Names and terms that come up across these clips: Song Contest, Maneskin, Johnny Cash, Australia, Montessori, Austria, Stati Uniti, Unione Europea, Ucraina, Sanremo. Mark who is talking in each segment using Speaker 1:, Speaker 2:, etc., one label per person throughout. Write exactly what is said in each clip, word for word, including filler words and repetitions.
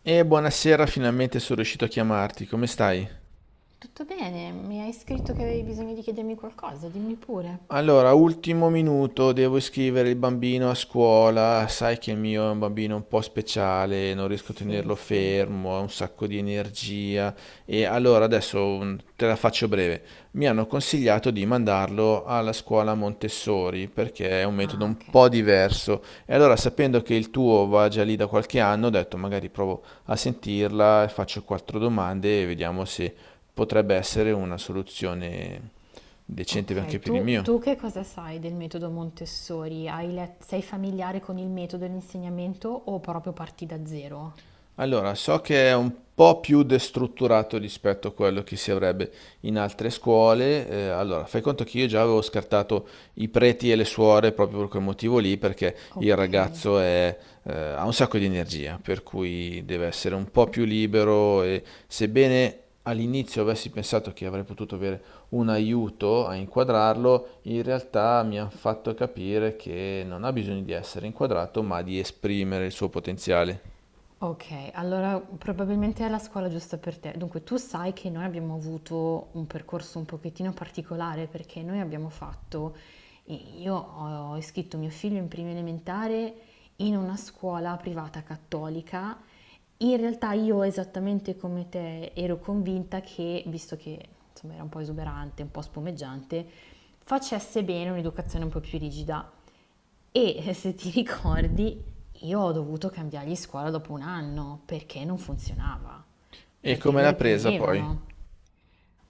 Speaker 1: E buonasera, finalmente sono riuscito a chiamarti. Come stai?
Speaker 2: Tutto bene, mi hai scritto che avevi bisogno di chiedermi qualcosa, dimmi pure.
Speaker 1: Allora, ultimo minuto, devo iscrivere il bambino a scuola. Sai che il mio è un bambino un po' speciale, non riesco a
Speaker 2: Sì,
Speaker 1: tenerlo
Speaker 2: sì.
Speaker 1: fermo, ha un sacco di energia. E allora adesso mm, te la faccio breve. Mi hanno consigliato di mandarlo alla scuola Montessori perché è un metodo
Speaker 2: Ah, ok.
Speaker 1: un po' diverso. E allora, sapendo che il tuo va già lì da qualche anno, ho detto magari provo a sentirla, faccio quattro domande e vediamo se potrebbe essere una soluzione decente anche
Speaker 2: Ok,
Speaker 1: per il
Speaker 2: tu,
Speaker 1: mio.
Speaker 2: tu che cosa sai del metodo Montessori? Hai let- sei familiare con il metodo e l'insegnamento o proprio parti da zero?
Speaker 1: Allora, so che è un po' più destrutturato rispetto a quello che si avrebbe in altre scuole. Eh, allora, fai conto che io già avevo scartato i preti e le suore proprio per quel motivo lì, perché il
Speaker 2: Ok.
Speaker 1: ragazzo è, eh, ha un sacco di energia, per cui deve essere un po' più libero e sebbene all'inizio avessi pensato che avrei potuto avere un aiuto a inquadrarlo, in realtà mi hanno fatto capire che non ha bisogno di essere inquadrato, ma di esprimere il suo potenziale.
Speaker 2: Okay, allora probabilmente è la scuola giusta per te. Dunque, tu sai che noi abbiamo avuto un percorso un pochettino particolare perché noi abbiamo fatto, i- io ho ho iscritto mio figlio in prima elementare in una scuola privata cattolica. In realtà io esattamente come te ero convinta che, visto che insomma era un po' esuberante, un po' spumeggiante, facesse bene un'educazione un po' più rigida. E se ti ricordi, io ho dovuto cambiargli scuola dopo un anno perché non funzionava,
Speaker 1: E
Speaker 2: perché
Speaker 1: come
Speaker 2: lo
Speaker 1: l'ha presa poi?
Speaker 2: reprimevano.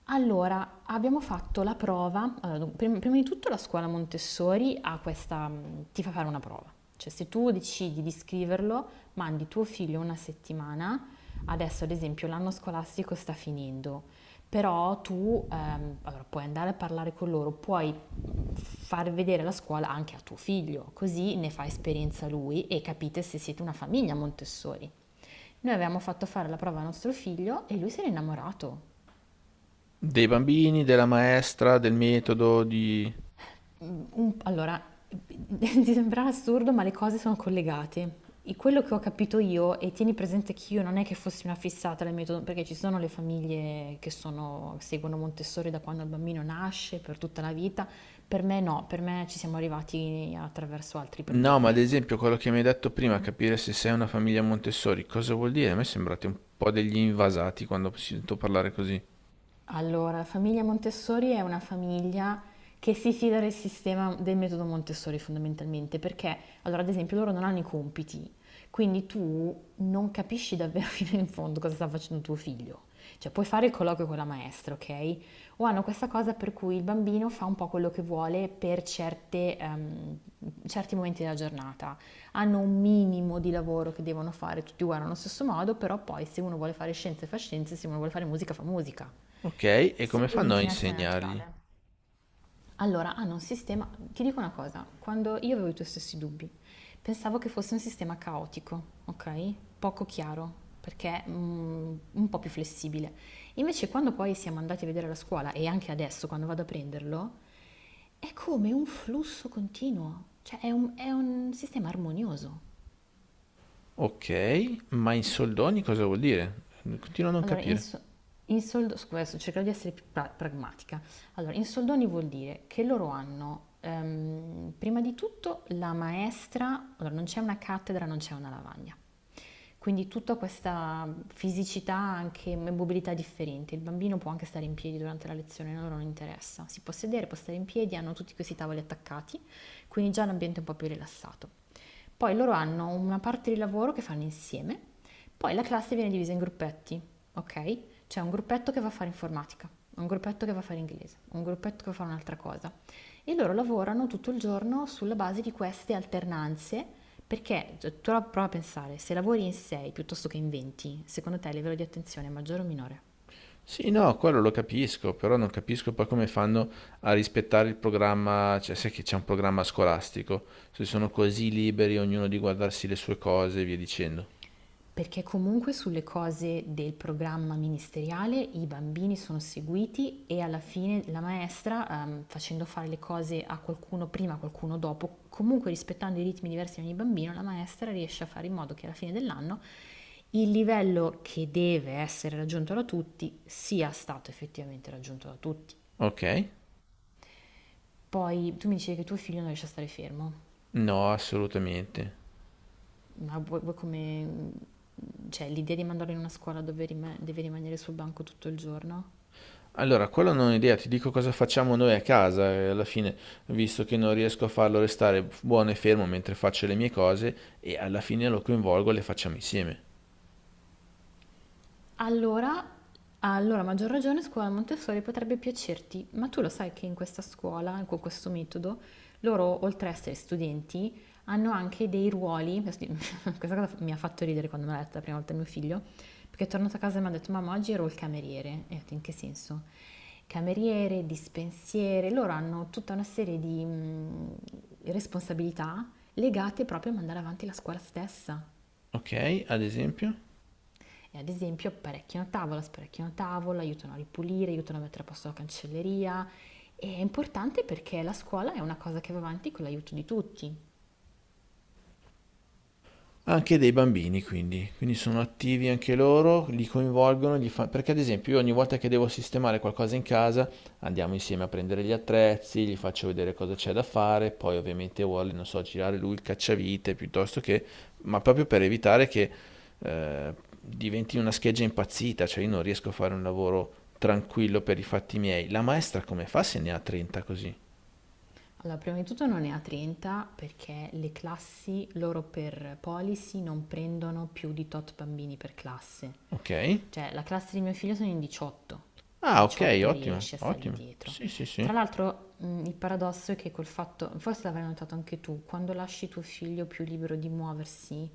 Speaker 2: Allora, abbiamo fatto la prova, allora, dun- prim- prima di tutto la scuola Montessori ha questa, mh, ti fa fare una prova, cioè se tu decidi di scriverlo, mandi tuo figlio una settimana, adesso ad esempio l'anno scolastico sta finendo, però tu ehm, allora, puoi andare a parlare con loro, puoi mh, far vedere la scuola anche a tuo figlio, così ne fa esperienza lui e capite se siete una famiglia Montessori. Noi avevamo fatto fare la prova a nostro figlio e lui si era innamorato.
Speaker 1: Dei bambini, della maestra, del metodo, di...
Speaker 2: Un- allora, ti sembrerà assurdo, ma le cose sono collegate. E quello che ho capito io, e tieni presente che io non è che fossi una fissata del metodo, perché ci sono le famiglie che sono- seguono Montessori da quando il bambino nasce, per tutta la vita, per me no, per me ci siamo arrivati attraverso altri
Speaker 1: No, ma
Speaker 2: problemi,
Speaker 1: ad
Speaker 2: ecco.
Speaker 1: esempio quello che mi hai detto prima, capire se sei una famiglia Montessori, cosa vuol dire? A me sembrate un po' degli invasati quando sento parlare così.
Speaker 2: Allora, la famiglia Montessori è una famiglia che si fida del sistema del metodo Montessori fondamentalmente, perché allora ad esempio loro non hanno i compiti, quindi tu non capisci davvero fino in fondo cosa sta facendo tuo figlio. Cioè puoi fare il colloquio con la maestra, ok? O hanno questa cosa per cui il bambino fa un po' quello che vuole per certe, ehm, certi momenti della giornata hanno un minimo di lavoro che devono fare, tutti guardano allo stesso modo, però poi se uno vuole fare scienze fa scienze, se uno vuole fare musica fa musica.
Speaker 1: Ok, e come
Speaker 2: Segue
Speaker 1: fanno a
Speaker 2: l'inclinazione
Speaker 1: insegnargli?
Speaker 2: naturale. Allora, hanno un sistema, ti dico una cosa, quando io avevo i tuoi stessi dubbi, pensavo che fosse un sistema caotico, ok? Poco chiaro, perché mm, un po' più flessibile. Invece quando poi siamo andati a vedere la scuola e anche adesso quando vado a prenderlo, è come un flusso continuo, cioè è un, è un sistema armonioso.
Speaker 1: Ok, ma in soldoni cosa vuol dire? Continuo a non
Speaker 2: Allora, in,
Speaker 1: capire.
Speaker 2: so- in soldo- scusa, adesso cercherò di essere più pra- pragmatica. Allora, in soldoni vuol dire che loro hanno, ehm, prima di tutto, la maestra, allora non c'è una cattedra, non c'è una lavagna. Quindi tutta questa fisicità, anche mobilità differente. Il bambino può anche stare in piedi durante la lezione, a loro non interessa. Si può sedere, può stare in piedi, hanno tutti questi tavoli attaccati, quindi già l'ambiente è un po' più rilassato. Poi loro hanno una parte di lavoro che fanno insieme, poi la classe viene divisa in gruppetti, ok? C'è un gruppetto che va a fare informatica, un gruppetto che va a fare inglese, un gruppetto che va a fare un'altra cosa. E loro lavorano tutto il giorno sulla base di queste alternanze, perché cioè, tu prova a pensare, se lavori in sei piuttosto che in venti, secondo te il livello di attenzione è maggiore o minore?
Speaker 1: Sì, no, quello lo capisco, però non capisco poi come fanno a rispettare il programma, cioè sai che c'è un programma scolastico, se sono così liberi ognuno di guardarsi le sue cose e via dicendo.
Speaker 2: Perché comunque sulle cose del programma ministeriale i bambini sono seguiti e alla fine la maestra, ehm, facendo fare le cose a qualcuno prima, a qualcuno dopo, comunque rispettando i ritmi diversi di ogni bambino, la maestra riesce a fare in modo che alla fine dell'anno il livello che deve essere raggiunto da tutti sia stato effettivamente raggiunto da tutti.
Speaker 1: Ok?
Speaker 2: Poi tu mi dicevi che tuo figlio non riesce a stare fermo,
Speaker 1: No, assolutamente.
Speaker 2: ma vuoi, vuoi come... Cioè, l'idea di mandarlo in una scuola dove rima- deve rimanere sul banco tutto il giorno?
Speaker 1: Allora, quello non ho idea, ti dico cosa facciamo noi a casa, eh, alla fine, visto che non riesco a farlo restare buono e fermo mentre faccio le mie cose e alla fine lo coinvolgo e le facciamo insieme.
Speaker 2: Allora, allora, a maggior ragione, scuola Montessori potrebbe piacerti, ma tu lo sai che in questa scuola, con questo metodo, loro, oltre a essere studenti, hanno anche dei ruoli. Questa cosa mi ha fatto ridere quando me l'ha detta la prima volta mio figlio, perché è tornato a casa e mi ha detto: Mamma, oggi ero il cameriere. E ho detto: In che senso? Cameriere, dispensiere, loro hanno tutta una serie di mm, responsabilità legate proprio a mandare avanti la scuola stessa.
Speaker 1: Ok? Ad esempio?
Speaker 2: E ad esempio apparecchiano tavola, sparecchiano tavola, aiutano a ripulire, aiutano a mettere a posto la cancelleria. E è importante perché la scuola è una cosa che va avanti con l'aiuto di tutti.
Speaker 1: Anche dei bambini quindi, quindi sono attivi anche loro, li coinvolgono, gli fa- perché ad esempio io ogni volta che devo sistemare qualcosa in casa andiamo insieme a prendere gli attrezzi, gli faccio vedere cosa c'è da fare, poi ovviamente vuole, non so, girare lui il cacciavite piuttosto che, ma proprio per evitare che eh, diventi una scheggia impazzita, cioè io non riesco a fare un lavoro tranquillo per i fatti miei. La maestra come fa se ne ha trenta così?
Speaker 2: Allora, prima di tutto non è a trenta perché le classi loro per policy non prendono più di tot bambini per classe.
Speaker 1: Ok?
Speaker 2: Cioè, la classe di mio figlio sono in diciotto,
Speaker 1: Ah, ok,
Speaker 2: diciotto
Speaker 1: ottimo,
Speaker 2: riesce a stargli
Speaker 1: ottimo.
Speaker 2: dietro.
Speaker 1: Sì, sì,
Speaker 2: Tra
Speaker 1: sì.
Speaker 2: l'altro, mh, il paradosso è che col fatto, forse l'avrai notato anche tu, quando lasci tuo figlio più libero di muoversi,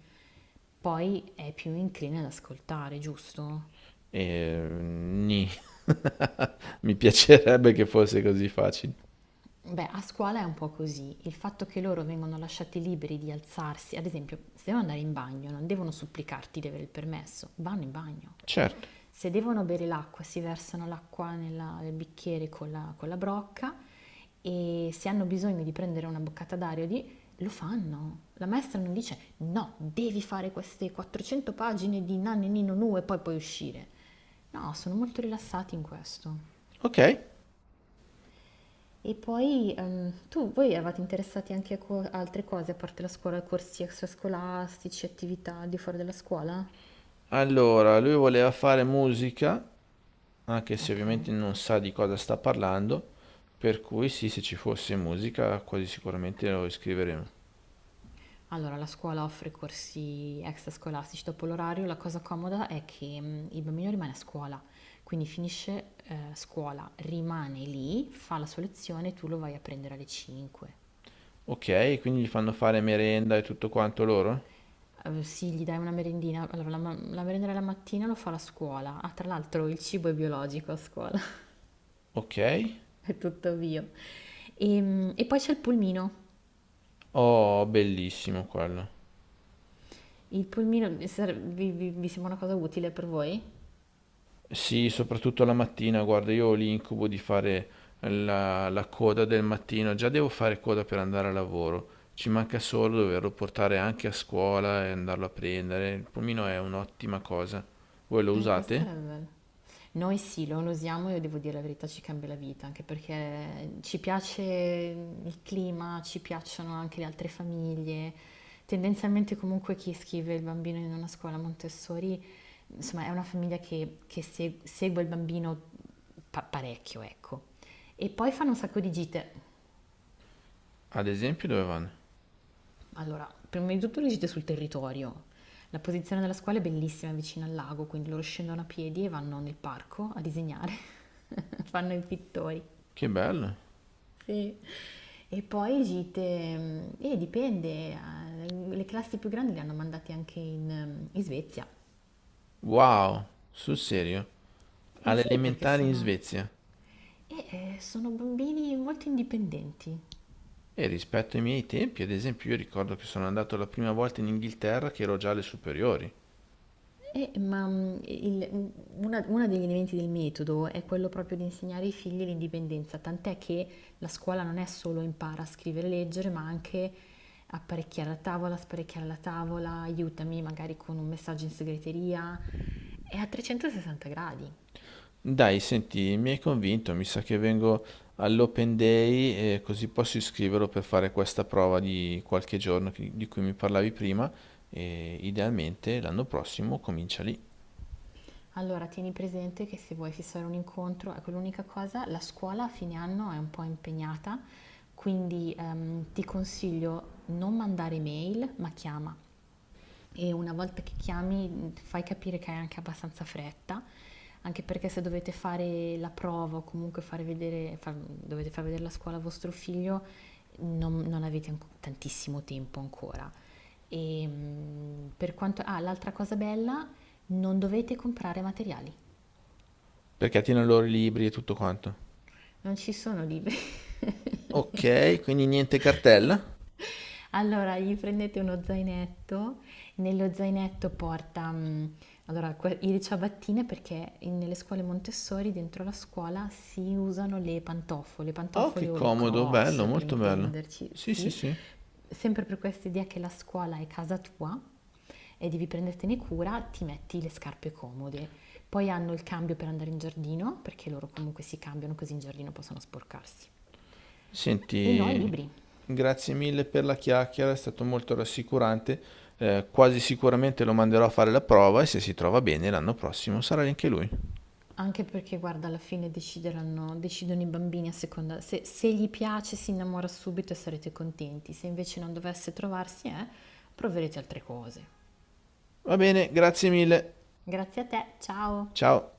Speaker 2: poi è più incline ad ascoltare, giusto?
Speaker 1: E... nì. Mi piacerebbe che fosse così facile.
Speaker 2: Beh, a scuola è un po' così. Il fatto che loro vengono lasciati liberi di alzarsi, ad esempio, se devono andare in bagno, non devono supplicarti di avere il permesso, vanno in bagno.
Speaker 1: Certo.
Speaker 2: Se devono bere l'acqua, si versano l'acqua nella- nel bicchiere con la, con la brocca e se hanno bisogno di prendere una boccata d'aria, o di- lo fanno. La maestra non dice no, devi fare queste quattrocento pagine di nanni nino nu e poi puoi uscire. No, sono molto rilassati in questo.
Speaker 1: Ok.
Speaker 2: E poi ehm, tu, voi eravate interessati anche a co- altre cose, a parte la scuola, corsi extrascolastici, attività al di fuori della scuola?
Speaker 1: Allora, lui voleva fare musica, anche se
Speaker 2: Ok.
Speaker 1: ovviamente non sa di cosa sta parlando, per cui sì, se ci fosse musica, quasi sicuramente lo iscriveremo.
Speaker 2: Allora, la scuola offre corsi extrascolastici dopo l'orario. La cosa comoda è che mh, il bambino rimane a scuola, quindi finisce eh, scuola, rimane lì, fa la sua lezione e tu lo vai a prendere alle cinque.
Speaker 1: Ok, quindi gli fanno fare merenda e tutto quanto loro?
Speaker 2: Eh, sì, gli dai una merendina. Allora, la, ma- la merenda della mattina lo fa la scuola. Ah, tra l'altro il cibo è biologico a scuola.
Speaker 1: Ok.
Speaker 2: È tutto mio. Ehm, E, poi c'è il pulmino.
Speaker 1: Oh, bellissimo quello.
Speaker 2: Il pulmino vi, sare- vi- vi- vi sembra una cosa utile per voi?
Speaker 1: Sì, soprattutto la mattina, guarda, io ho l'incubo di fare la, la coda del mattino, già devo fare coda per andare a lavoro, ci manca solo doverlo portare anche a scuola e andarlo a prendere, il pulmino è un'ottima cosa. Voi lo
Speaker 2: Eh, questo
Speaker 1: usate?
Speaker 2: sarebbe bello. Noi sì, lo usiamo e devo dire la verità, ci cambia la vita, anche perché ci piace il clima, ci piacciono anche le altre famiglie. Tendenzialmente comunque chi scrive il bambino in una scuola Montessori, insomma, è una famiglia che, che se- segue il bambino pa- parecchio, ecco. E poi fanno un sacco di gite.
Speaker 1: Ad esempio dove vanno?
Speaker 2: Allora, prima di tutto riuscite sul territorio. La posizione della scuola è bellissima, è vicino al lago, quindi loro scendono a piedi e vanno nel parco a disegnare. Fanno i pittori.
Speaker 1: Che bello!
Speaker 2: Sì. E poi gite, e dipende, eh, dipende, eh, le classi più grandi le hanno mandate anche in, mm, in Svezia.
Speaker 1: Wow, sul serio, alle
Speaker 2: Sì, perché
Speaker 1: elementari in
Speaker 2: sono,
Speaker 1: Svezia.
Speaker 2: eh, eh, sono bambini molto indipendenti.
Speaker 1: E rispetto ai miei tempi, ad esempio, io ricordo che sono andato la prima volta in Inghilterra che ero già alle superiori.
Speaker 2: Eh, ma mm, il- mm, una- Uno degli elementi del metodo è quello proprio di insegnare ai figli l'indipendenza, tant'è che la scuola non è solo impara a scrivere e leggere, ma anche apparecchiare la tavola, sparecchiare la tavola, aiutami magari con un messaggio in segreteria, è a trecentosessanta gradi.
Speaker 1: Dai, senti, mi hai convinto, mi sa che vengo all'Open Day e così posso iscriverlo per fare questa prova di qualche giorno che- di cui mi parlavi prima e idealmente l'anno prossimo comincia lì,
Speaker 2: Allora, tieni presente che se vuoi fissare un incontro, ecco l'unica cosa, la scuola a fine anno è un po' impegnata, quindi ehm, ti consiglio non mandare mail, ma chiama. E una volta che chiami fai capire che hai anche abbastanza fretta, anche perché se dovete fare la prova o comunque fare vedere, far- dovete far vedere la scuola a vostro figlio, non, non avete anco- tantissimo tempo ancora. E, mm, per quanto, ah, l'altra cosa bella, non dovete comprare materiali.
Speaker 1: perché tiene loro i libri e tutto quanto.
Speaker 2: Non ci sono liberi.
Speaker 1: Ok, quindi niente cartella?
Speaker 2: Allora, gli prendete uno zainetto, nello zainetto porta mm, allora, que- le ciabattine perché in- nelle scuole Montessori, dentro la scuola, si usano le pantofole, le
Speaker 1: Oh,
Speaker 2: pantofole
Speaker 1: che
Speaker 2: o le
Speaker 1: comodo, bello,
Speaker 2: Crocs per
Speaker 1: molto bello.
Speaker 2: intenderci,
Speaker 1: Sì, sì,
Speaker 2: sì,
Speaker 1: sì.
Speaker 2: sempre per questa idea che la scuola è casa tua e devi prendertene cura, ti metti le scarpe comode. Poi hanno il cambio per andare in giardino, perché loro comunque si cambiano così in giardino possono sporcarsi. E no ai
Speaker 1: Senti,
Speaker 2: libri,
Speaker 1: grazie mille per la chiacchiera, è stato molto rassicurante. Eh, quasi sicuramente lo manderò a fare la prova e se si trova bene l'anno prossimo sarà anche lui.
Speaker 2: anche perché guarda alla fine decideranno, decidono i bambini a seconda, se, se gli piace si innamora subito e sarete contenti, se invece non dovesse trovarsi eh, proverete altre cose.
Speaker 1: Va bene, grazie mille.
Speaker 2: Grazie a te, ciao!
Speaker 1: Ciao.